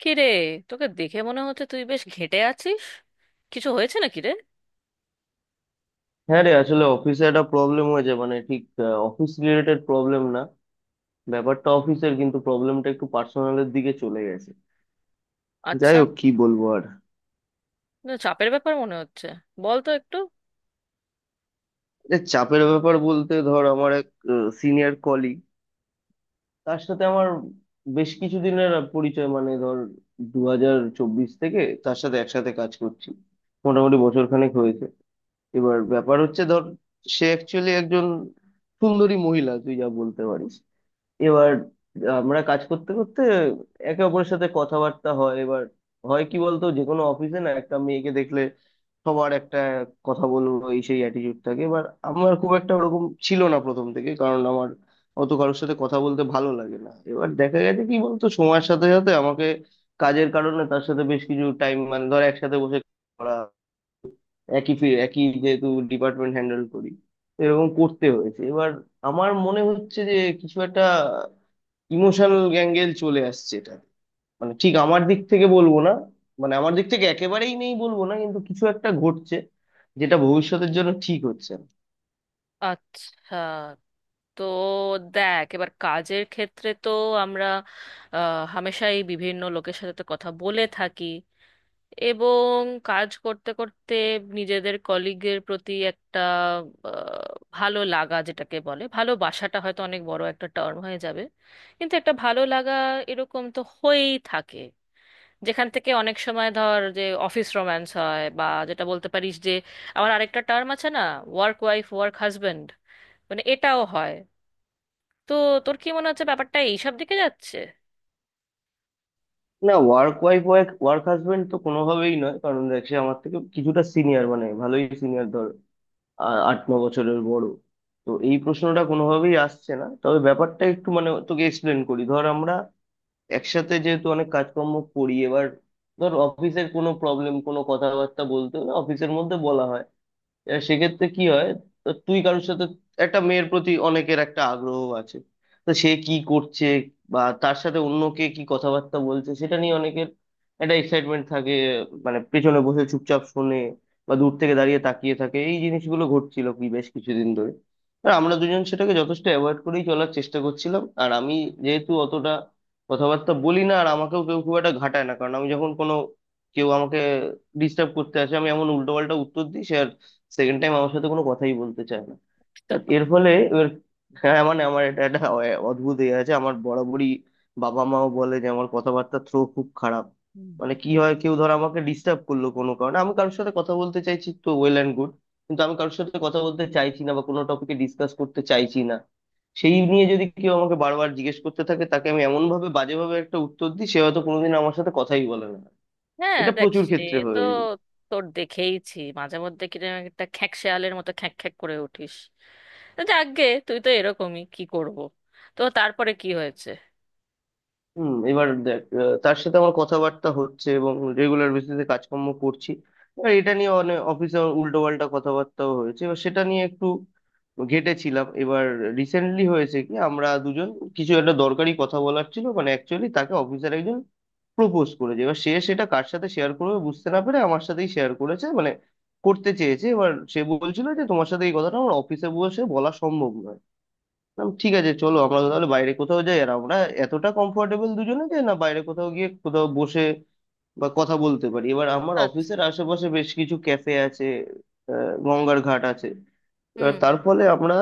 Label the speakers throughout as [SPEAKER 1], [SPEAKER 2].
[SPEAKER 1] কি রে? তোকে দেখে মনে হচ্ছে তুই বেশ ঘেঁটে আছিস। কিছু হয়েছে নাকি রে?
[SPEAKER 2] হ্যাঁ রে, আসলে অফিসে একটা প্রবলেম হয়েছে। মানে ঠিক অফিস রিলেটেড প্রবলেম না, ব্যাপারটা অফিসের, কিন্তু প্রবলেমটা একটু পার্সোনালের দিকে চলে গেছে। যাই
[SPEAKER 1] আচ্ছা।
[SPEAKER 2] হোক, কি বলবো আর।
[SPEAKER 1] না, চাপের ব্যাপার মনে হচ্ছে। বল তো একটু।
[SPEAKER 2] এটা চাপের ব্যাপার বলতে ধর, আমার এক সিনিয়র কলিগ, তার সাথে আমার বেশ কিছুদিনের পরিচয়। মানে ধর, 2024 থেকে তার সাথে একসাথে কাজ করছি, মোটামুটি বছরখানেক হয়েছে। এবার ব্যাপার হচ্ছে ধর, সে অ্যাকচুয়ালি একজন সুন্দরী মহিলা, তুই যা বলতে পারিস। এবার আমরা কাজ করতে করতে একে অপরের সাথে কথাবার্তা হয়। এবার হয় কি বলতো, যে কোনো অফিসে না একটা মেয়েকে দেখলে সবার একটা কথা বলবো এই সেই অ্যাটিটিউড থাকে। এবার আমার খুব একটা ওরকম ছিল না প্রথম থেকে, কারণ আমার অত কারোর সাথে কথা বলতে ভালো লাগে না। এবার দেখা গেছে কি বলতো, সময়ের সাথে সাথে আমাকে কাজের কারণে তার সাথে বেশ কিছু টাইম মানে ধর একসাথে বসে করা, একই যেহেতু ডিপার্টমেন্ট হ্যান্ডেল করি, এরকম করতে হয়েছে। এবার আমার মনে হচ্ছে যে কিছু একটা ইমোশনাল অ্যাঙ্গেল চলে আসছে। এটা মানে ঠিক আমার দিক থেকে বলবো না, মানে আমার দিক থেকে একেবারেই নেই বলবো না, কিন্তু কিছু একটা ঘটছে যেটা ভবিষ্যতের জন্য ঠিক হচ্ছে না।
[SPEAKER 1] আচ্ছা, তো দেখ, এবার কাজের ক্ষেত্রে তো আমরা হামেশাই বিভিন্ন লোকের সাথে তো কথা বলে থাকি, এবং কাজ করতে করতে নিজেদের কলিগের প্রতি একটা আহ, ভালো লাগা, যেটাকে বলে ভালোবাসাটা হয়তো অনেক বড় একটা টার্ম হয়ে যাবে, কিন্তু একটা ভালো লাগা এরকম তো হয়েই থাকে, যেখান থেকে অনেক সময় ধর যে অফিস রোম্যান্স হয়, বা যেটা বলতে পারিস যে আমার আরেকটা টার্ম আছে না, ওয়ার্ক ওয়াইফ ওয়ার্ক হাজবেন্ড, মানে এটাও হয়। তো তোর কি মনে হচ্ছে ব্যাপারটা এইসব দিকে যাচ্ছে?
[SPEAKER 2] না, work wife work work husband তো কোনোভাবেই নয়, কারণ দেখ সে আমার থেকে কিছুটা সিনিয়র, মানে ভালোই সিনিয়র ধর, আট ন বছরের বড়। তো এই প্রশ্নটা কোনোভাবেই আসছে না। তবে ব্যাপারটা একটু মানে তোকে এক্সপ্লেন করি। ধর আমরা একসাথে যেহেতু অনেক কাজকর্ম করি, এবার ধর অফিসের কোনো প্রবলেম কোনো কথাবার্তা বলতে হলে অফিসের মধ্যে বলা হয়। এবার সেক্ষেত্রে কি হয়, তো তুই কারোর সাথে, একটা মেয়ের প্রতি অনেকের একটা আগ্রহ আছে, তো সে কি করছে বা তার সাথে অন্য কে কি কথাবার্তা বলছে সেটা নিয়ে অনেকের একটা এক্সাইটমেন্ট থাকে। মানে পেছনে বসে চুপচাপ শুনে বা দূর থেকে দাঁড়িয়ে তাকিয়ে থাকে। এই জিনিসগুলো ঘটছিল কি বেশ কিছুদিন ধরে, আর আমরা দুজন সেটাকে যথেষ্ট অ্যাভয়েড করেই চলার চেষ্টা করছিলাম। আর আমি যেহেতু অতটা কথাবার্তা বলি না, আর আমাকেও কেউ খুব একটা ঘাটায় না, কারণ আমি যখন কোনো, কেউ আমাকে ডিস্টার্ব করতে আসে আমি এমন উল্টো, সেকেন্ড টাইম আমার সাথে কোনো কথাই বলতে চায় না। But এর ফলে এবার, হ্যাঁ মানে আমার এটা একটা অদ্ভুত ইয়ে আছে আমার বরাবরই। বাবা মাও বলে যে আমার কথাবার্তা থ্রো খুব খারাপ।
[SPEAKER 1] হুম।
[SPEAKER 2] মানে কি হয়, কেউ ধর আমাকে ডিস্টার্ব করলো কোনো কারণে, আমি কারোর সাথে কথা বলতে চাইছি, তো ওয়েল অ্যান্ড গুড। কিন্তু আমি কারোর সাথে কথা বলতে চাইছি না বা কোনো টপিকে ডিসকাস করতে চাইছি না, সেই নিয়ে যদি কেউ আমাকে বারবার জিজ্ঞেস করতে থাকে, তাকে আমি এমন ভাবে বাজেভাবে একটা উত্তর দিই, সে হয়তো কোনোদিন আমার সাথে কথাই বলে না।
[SPEAKER 1] হ্যাঁ,
[SPEAKER 2] এটা
[SPEAKER 1] দেখ
[SPEAKER 2] প্রচুর
[SPEAKER 1] সে,
[SPEAKER 2] ক্ষেত্রে
[SPEAKER 1] তো
[SPEAKER 2] হয়ে যায়।
[SPEAKER 1] তোর দেখেইছি মাঝে মধ্যে কিরকম একটা খ্যাঁক শেয়ালের মতো খ্যাঁক খ্যাঁক করে উঠিস। তো যাকগে, তুই তো এরকমই, কি করব। তো তারপরে কি হয়েছে?
[SPEAKER 2] হুম। এবার দেখ, তার সাথে আমার কথাবার্তা হচ্ছে এবং রেগুলার বেসিসে কাজকর্ম করছি। এবার এটা নিয়ে অনেক অফিসে উল্টো পাল্টা কথাবার্তাও হয়েছে, এবার সেটা নিয়ে একটু ঘেঁটেছিলাম। এবার রিসেন্টলি হয়েছে কি, আমরা দুজন কিছু একটা দরকারি কথা বলার ছিল। মানে অ্যাকচুয়ালি তাকে অফিসার একজন প্রপোজ করেছে, এবার সে সেটা কার সাথে শেয়ার করবে বুঝতে না পেরে আমার সাথেই শেয়ার করেছে, মানে করতে চেয়েছে। এবার সে বলছিল যে তোমার সাথে এই কথাটা আমার অফিসে বসে বলা সম্ভব নয়। বললাম, ঠিক আছে, চলো আমরা তাহলে বাইরে কোথাও যাই। আর আমরা এতটা কমফোর্টেবল দুজনে যে না, বাইরে কোথাও গিয়ে কোথাও বসে বা কথা বলতে পারি। এবার আমার
[SPEAKER 1] আচ্ছা।
[SPEAKER 2] অফিসের আশেপাশে বেশ কিছু ক্যাফে আছে, গঙ্গার ঘাট আছে। এবার
[SPEAKER 1] হুম।
[SPEAKER 2] তার ফলে আমরা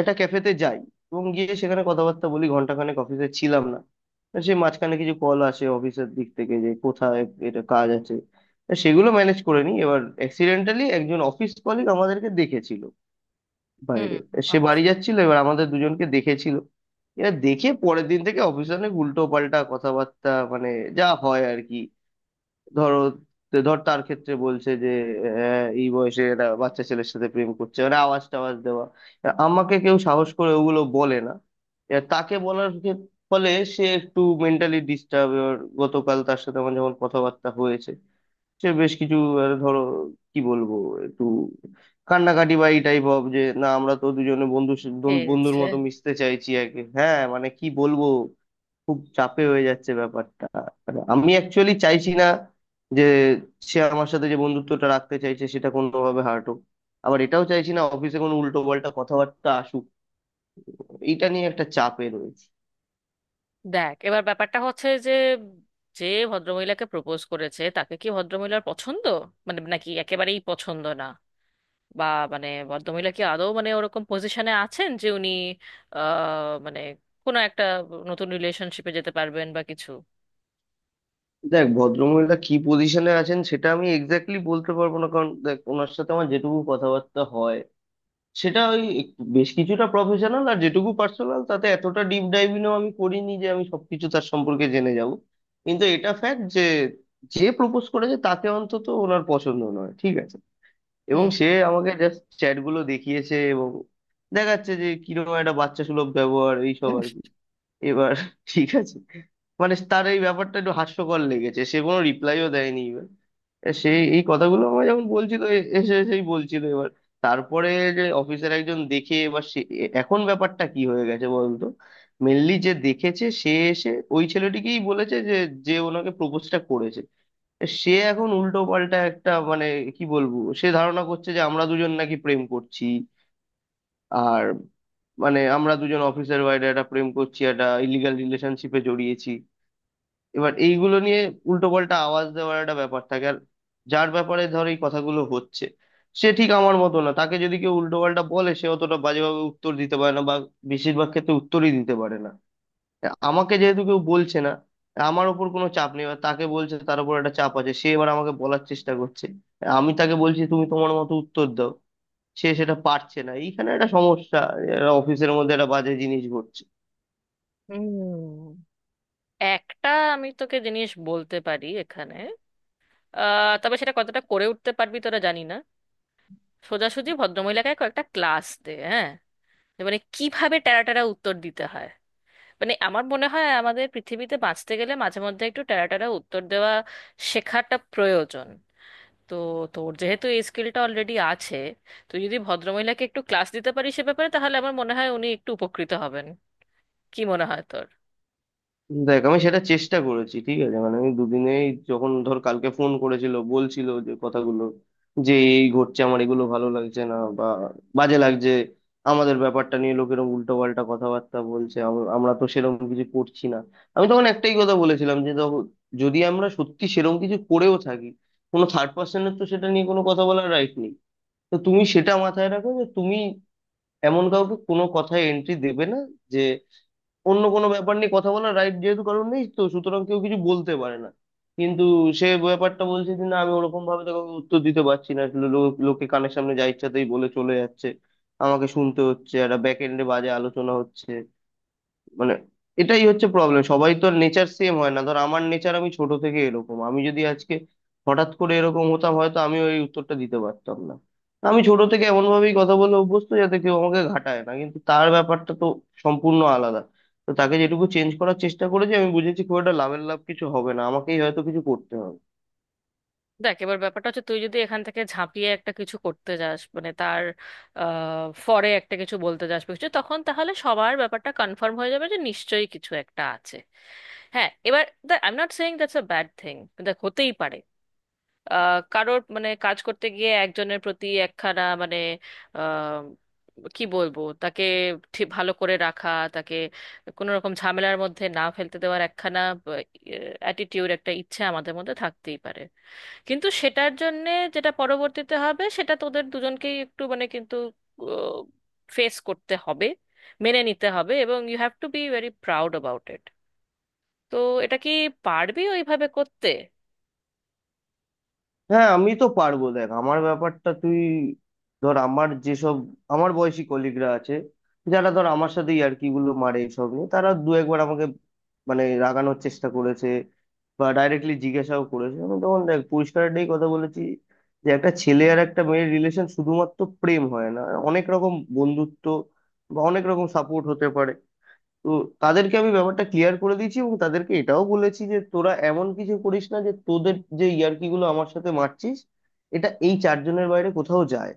[SPEAKER 2] একটা ক্যাফেতে যাই এবং গিয়ে সেখানে কথাবার্তা বলি। ঘন্টাখানেক অফিসে ছিলাম না। সে মাঝখানে কিছু কল আসে অফিসের দিক থেকে যে কোথায়, এটা কাজ আছে, তা সেগুলো ম্যানেজ করে নিই। এবার অ্যাক্সিডেন্টালি একজন অফিস কলিগ আমাদেরকে দেখেছিল
[SPEAKER 1] হুম।
[SPEAKER 2] বাইরে। সে
[SPEAKER 1] আচ্ছা।
[SPEAKER 2] বাড়ি যাচ্ছিল, এবার আমাদের দুজনকে দেখেছিল। এরা দেখে পরের দিন থেকে অফিসে অনেক উল্টো পাল্টা কথাবার্তা, মানে যা হয় আর কি। ধরো, ধর তার ক্ষেত্রে বলছে যে, এই বয়সে একটা বাচ্চা ছেলের সাথে প্রেম করছে, মানে আওয়াজ টাওয়াজ দেওয়া। এবার আমাকে কেউ সাহস করে ওগুলো বলে না, এবার তাকে বলার ফলে সে একটু মেন্টালি ডিস্টার্ব। এবার গতকাল তার সাথে আমার যখন কথাবার্তা হয়েছে, সে বেশ কিছু, ধরো কি বলবো, একটু কান্নাকাটি বা এই টাইপ অফ, যে না আমরা তো দুজনে বন্ধু, বন্ধুর
[SPEAKER 1] খেয়েছে।
[SPEAKER 2] মতো মিশতে চাইছি একে। হ্যাঁ মানে কি বলবো, খুব চাপে হয়ে যাচ্ছে ব্যাপারটা। মানে আমি অ্যাকচুয়ালি চাইছি না যে সে আমার সাথে যে বন্ধুত্বটা রাখতে চাইছে সেটা কোনোভাবে হার্ট হোক, আবার এটাও চাইছি না অফিসে কোনো উল্টো পাল্টা কথাবার্তা আসুক। এইটা নিয়ে একটা চাপে রয়েছে।
[SPEAKER 1] দেখ, এবার ব্যাপারটা হচ্ছে যে, যে ভদ্রমহিলাকে প্রপোজ করেছে তাকে কি ভদ্রমহিলার পছন্দ, মানে, নাকি একেবারেই পছন্দ না? বা মানে ভদ্রমহিলা কি আদৌ মানে ওরকম পজিশনে আছেন যে উনি আহ মানে কোনো একটা নতুন রিলেশনশিপে যেতে পারবেন বা কিছু?
[SPEAKER 2] দেখ, ভদ্রমহিলা কি পজিশনে আছেন সেটা আমি এক্স্যাক্টলি বলতে পারবো না, কারণ দেখ ওনার সাথে আমার যেটুকু কথাবার্তা হয় সেটা ওই একটু বেশ কিছুটা প্রফেশনাল, আর যেটুকু পার্সোনাল তাতে এতটা ডিপ ডাইভিংও আমি করিনি যে আমি সবকিছু তার সম্পর্কে জেনে যাব। কিন্তু এটা ফ্যাক্ট যে, যে প্রপোজ করেছে তাকে অন্তত ওনার পছন্দ নয়, ঠিক আছে। এবং
[SPEAKER 1] হুম।
[SPEAKER 2] সে আমাকে জাস্ট চ্যাট গুলো দেখিয়েছে এবং দেখাচ্ছে যে কিরকম একটা বাচ্চা সুলভ ব্যবহার, এইসব আর কি। এবার ঠিক আছে, মানে তার এই ব্যাপারটা একটু হাস্যকর লেগেছে, সে কোনো রিপ্লাইও দেয়নি। সেই এই কথাগুলো আমার যখন বলছিল, এসেই বলছিল। এবার তারপরে, যে অফিসার একজন দেখে, এবার সে এখন ব্যাপারটা কি হয়ে গেছে বলতো, মেনলি যে দেখেছে সে এসে ওই ছেলেটিকেই বলেছে যে, যে ওনাকে প্রপোজটা করেছে, সে এখন উল্টো পাল্টা একটা, মানে কি বলবো, সে ধারণা করছে যে আমরা দুজন নাকি প্রেম করছি। আর মানে আমরা দুজন অফিসার ওয়াইড একটা প্রেম করছি, একটা ইলিগাল রিলেশনশিপে জড়িয়েছি। এবার এইগুলো নিয়ে উল্টো পাল্টা আওয়াজ দেওয়ার একটা ব্যাপার থাকে। আর যার ব্যাপারে ধর এই কথাগুলো হচ্ছে, সে ঠিক আমার মতো না। তাকে যদি কেউ উল্টো পাল্টা বলে, সে অতটা বাজেভাবে উত্তর দিতে পারে না, বা বেশিরভাগ ক্ষেত্রে উত্তরই দিতে পারে না। আমাকে যেহেতু কেউ বলছে না, আমার ওপর কোনো চাপ নেই, বা তাকে বলছে তার উপর একটা চাপ আছে, সে এবার আমাকে বলার চেষ্টা করছে। আমি তাকে বলছি তুমি তোমার মতো উত্তর দাও, সে সেটা পারছে না। এইখানে একটা সমস্যা, অফিসের মধ্যে একটা বাজে জিনিস ঘটছে।
[SPEAKER 1] হুম। একটা, আমি তোকে জিনিস বলতে পারি এখানে, আহ, তবে সেটা কতটা করে উঠতে পারবি তোরা জানি না। সোজাসুজি ভদ্রমহিলাকে কয়েকটা ক্লাস দে, হ্যাঁ, যে মানে কিভাবে টেরা টেরা উত্তর দিতে হয়। মানে আমার মনে হয় আমাদের পৃথিবীতে বাঁচতে গেলে মাঝে মধ্যে একটু টেরা টেরা উত্তর দেওয়া শেখাটা প্রয়োজন। তো তোর যেহেতু এই স্কিলটা অলরেডি আছে, তুই যদি ভদ্রমহিলাকে একটু ক্লাস দিতে পারিস সে ব্যাপারে, তাহলে আমার মনে হয় উনি একটু উপকৃত হবেন। কি মনে হয় তোর?
[SPEAKER 2] দেখ, আমি সেটা চেষ্টা করেছি, ঠিক আছে। মানে আমি দুদিনেই, যখন ধর কালকে ফোন করেছিল বলছিল যে কথাগুলো, যে এই ঘটছে, আমার এগুলো ভালো লাগছে না বা বাজে লাগছে, আমাদের ব্যাপারটা নিয়ে লোকেরা উল্টো পাল্টা কথাবার্তা বলছে, আমরা তো সেরকম কিছু করছি না। আমি তখন একটাই কথা বলেছিলাম যে দেখো, যদি আমরা সত্যি সেরকম কিছু করেও থাকি, কোনো থার্ড পার্সনের তো সেটা নিয়ে কোনো কথা বলার রাইট নেই। তো তুমি সেটা মাথায় রাখো যে তুমি এমন কাউকে কোনো কথায় এন্ট্রি দেবে না। অন্য কোনো ব্যাপার নিয়ে কথা বলার রাইট যেহেতু কারণ নেই, তো সুতরাং কেউ কিছু বলতে পারে না। কিন্তু সে ব্যাপারটা বলছে যে না, আমি ওরকম ভাবে তো কাউকে উত্তর দিতে পারছি না, লো- লো- লোকে কানের সামনে যা ইচ্ছাতেই বলে চলে যাচ্ছে, আমাকে শুনতে হচ্ছে, একটা ব্যাক এন্ডে বাজে আলোচনা হচ্ছে। মানে এটাই হচ্ছে প্রবলেম, সবাই তো নেচার সেম হয় না। ধর আমার নেচার, আমি ছোট থেকে এরকম। আমি যদি আজকে হঠাৎ করে এরকম হতাম হয়তো আমি ওই উত্তরটা দিতে পারতাম না। আমি ছোট থেকে এমন ভাবেই কথা বলে অভ্যস্ত যাতে কেউ আমাকে ঘাটায় না, কিন্তু তার ব্যাপারটা তো সম্পূর্ণ আলাদা। তো তাকে যেটুকু চেঞ্জ করার চেষ্টা করেছি আমি বুঝেছি, খুব একটা লাভের লাভ কিছু হবে না, আমাকেই হয়তো কিছু করতে হবে।
[SPEAKER 1] দেখ, এবার ব্যাপারটা হচ্ছে, তুই যদি এখান থেকে ঝাঁপিয়ে একটা কিছু করতে যাস মানে তার ফরে একটা কিছু বলতে যাস বা কিছু, তখন তাহলে সবার ব্যাপারটা কনফার্ম হয়ে যাবে যে নিশ্চয়ই কিছু একটা আছে। হ্যাঁ, এবার দেখ, I am not saying that's a bad thing. দেখ, হতেই পারে কারোর মানে কাজ করতে গিয়ে একজনের প্রতি একখানা মানে আহ, কি বলবো, তাকে ঠিক ভালো করে রাখা, তাকে কোনো রকম ঝামেলার মধ্যে না ফেলতে দেওয়ার একখানা অ্যাটিটিউড, একটা ইচ্ছে আমাদের মধ্যে থাকতেই পারে। কিন্তু সেটার জন্যে যেটা পরবর্তীতে হবে সেটা তোদের দুজনকেই একটু মানে কিন্তু ফেস করতে হবে, মেনে নিতে হবে, এবং you have to be very proud about it. তো এটা কি পারবি ওইভাবে করতে?
[SPEAKER 2] হ্যাঁ আমি তো পারবো। দেখ আমার ব্যাপারটা তুই, ধর আমার যেসব আমার বয়সী কলিগরা আছে, যারা ধর আমার সাথে ইয়ার্কি গুলো মারে এসব নিয়ে, তারা দু একবার আমাকে মানে রাগানোর চেষ্টা করেছে বা ডাইরেক্টলি জিজ্ঞাসাও করেছে। আমি তখন দেখ পরিষ্কার একটাই কথা বলেছি, যে একটা ছেলে আর একটা মেয়ের রিলেশন শুধুমাত্র প্রেম হয় না, অনেক রকম বন্ধুত্ব বা অনেক রকম সাপোর্ট হতে পারে। তো তাদেরকে আমি ব্যাপারটা ক্লিয়ার করে দিয়েছি এবং তাদেরকে এটাও বলেছি যে তোরা এমন কিছু করিস না যে তোদের যে ইয়ার্কি গুলো আমার সাথে মারছিস এটা এই চারজনের বাইরে কোথাও যায়।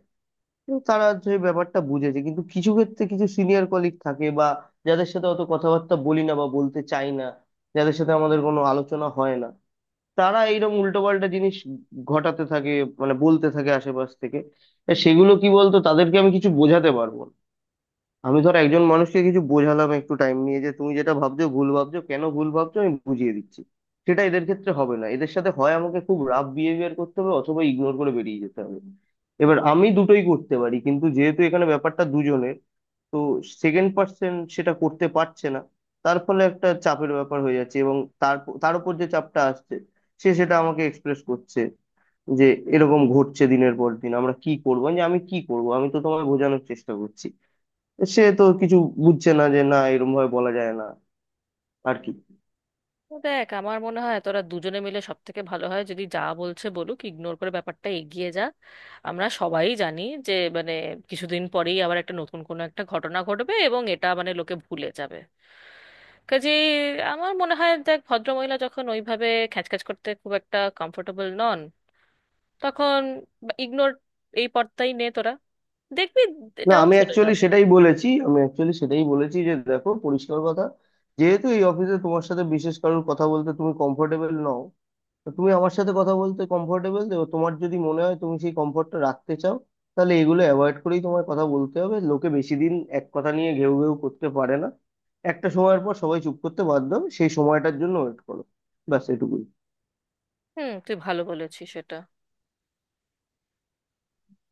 [SPEAKER 2] কিন্তু তারা যে ব্যাপারটা বুঝেছে, কিন্তু কিছু ক্ষেত্রে কিছু সিনিয়র কলিগ থাকে বা যাদের সাথে অত কথাবার্তা বলি না বা বলতে চাই না, যাদের সাথে আমাদের কোনো আলোচনা হয় না, তারা এইরকম উল্টোপাল্টা জিনিস ঘটাতে থাকে, মানে বলতে থাকে আশেপাশ থেকে। তা সেগুলো কি বলতো, তাদেরকে আমি কিছু বোঝাতে পারবো না। আমি ধর একজন মানুষকে কিছু বোঝালাম একটু টাইম নিয়ে যে তুমি যেটা ভাবছো ভুল ভাবছো, কেন ভুল ভাবছো আমি বুঝিয়ে দিচ্ছি, সেটা এদের ক্ষেত্রে হবে না। এদের সাথে হয় আমাকে খুব রাফ বিহেভিয়ার করতে হবে অথবা ইগনোর করে বেরিয়ে যেতে হবে। এবার আমি দুটোই করতে পারি, কিন্তু যেহেতু এখানে ব্যাপারটা দুজনের, তো সেকেন্ড পার্সন সেটা করতে পারছে না। তার ফলে একটা চাপের ব্যাপার হয়ে যাচ্ছে, এবং তার, তার উপর যে চাপটা আসছে সে সেটা আমাকে এক্সপ্রেস করছে, যে এরকম ঘটছে দিনের পর দিন, আমরা কি করবো, আমি যে আমি কি করবো, আমি তো তোমায় বোঝানোর চেষ্টা করছি। সে তো কিছু বুঝছে না যে না, এরকম ভাবে বলা যায় না, আর কি।
[SPEAKER 1] দেখ, আমার মনে হয় তোরা দুজনে মিলে সব থেকে ভালো হয় যদি যা বলছে বলুক, ইগনোর করে ব্যাপারটা এগিয়ে যা। আমরা সবাই জানি যে মানে কিছুদিন পরেই আবার একটা নতুন কোনো একটা ঘটনা ঘটবে, এবং এটা মানে লোকে ভুলে যাবে। কাজে আমার মনে হয়, দেখ, ভদ্রমহিলা যখন ওইভাবে খ্যাচখ্যাচ করতে খুব একটা কমফোর্টেবল নন, তখন ইগনোর, এই পর্দাই নে তোরা, দেখবি
[SPEAKER 2] না
[SPEAKER 1] এটাও
[SPEAKER 2] আমি
[SPEAKER 1] চলে
[SPEAKER 2] অ্যাকচুয়ালি
[SPEAKER 1] যাবে।
[SPEAKER 2] সেটাই বলেছি, আমি অ্যাকচুয়ালি সেটাই বলেছি, যে দেখো পরিষ্কার কথা, যেহেতু এই অফিসে তোমার সাথে বিশেষ কারোর কথা বলতে তুমি কমফোর্টেবল নও, তো তুমি আমার সাথে কথা বলতে কমফোর্টেবল, তোমার যদি মনে হয় তুমি সেই কমফোর্টটা রাখতে চাও, তাহলে এগুলো অ্যাভয়েড করেই তোমার কথা বলতে হবে। লোকে বেশি দিন এক কথা নিয়ে ঘেউ ঘেউ করতে পারে না, একটা সময়ের পর সবাই চুপ করতে বাধ্য হবে, সেই সময়টার জন্য ওয়েট করো। ব্যাস এটুকুই।
[SPEAKER 1] হুম, তুই ভালো বলেছিস সেটা।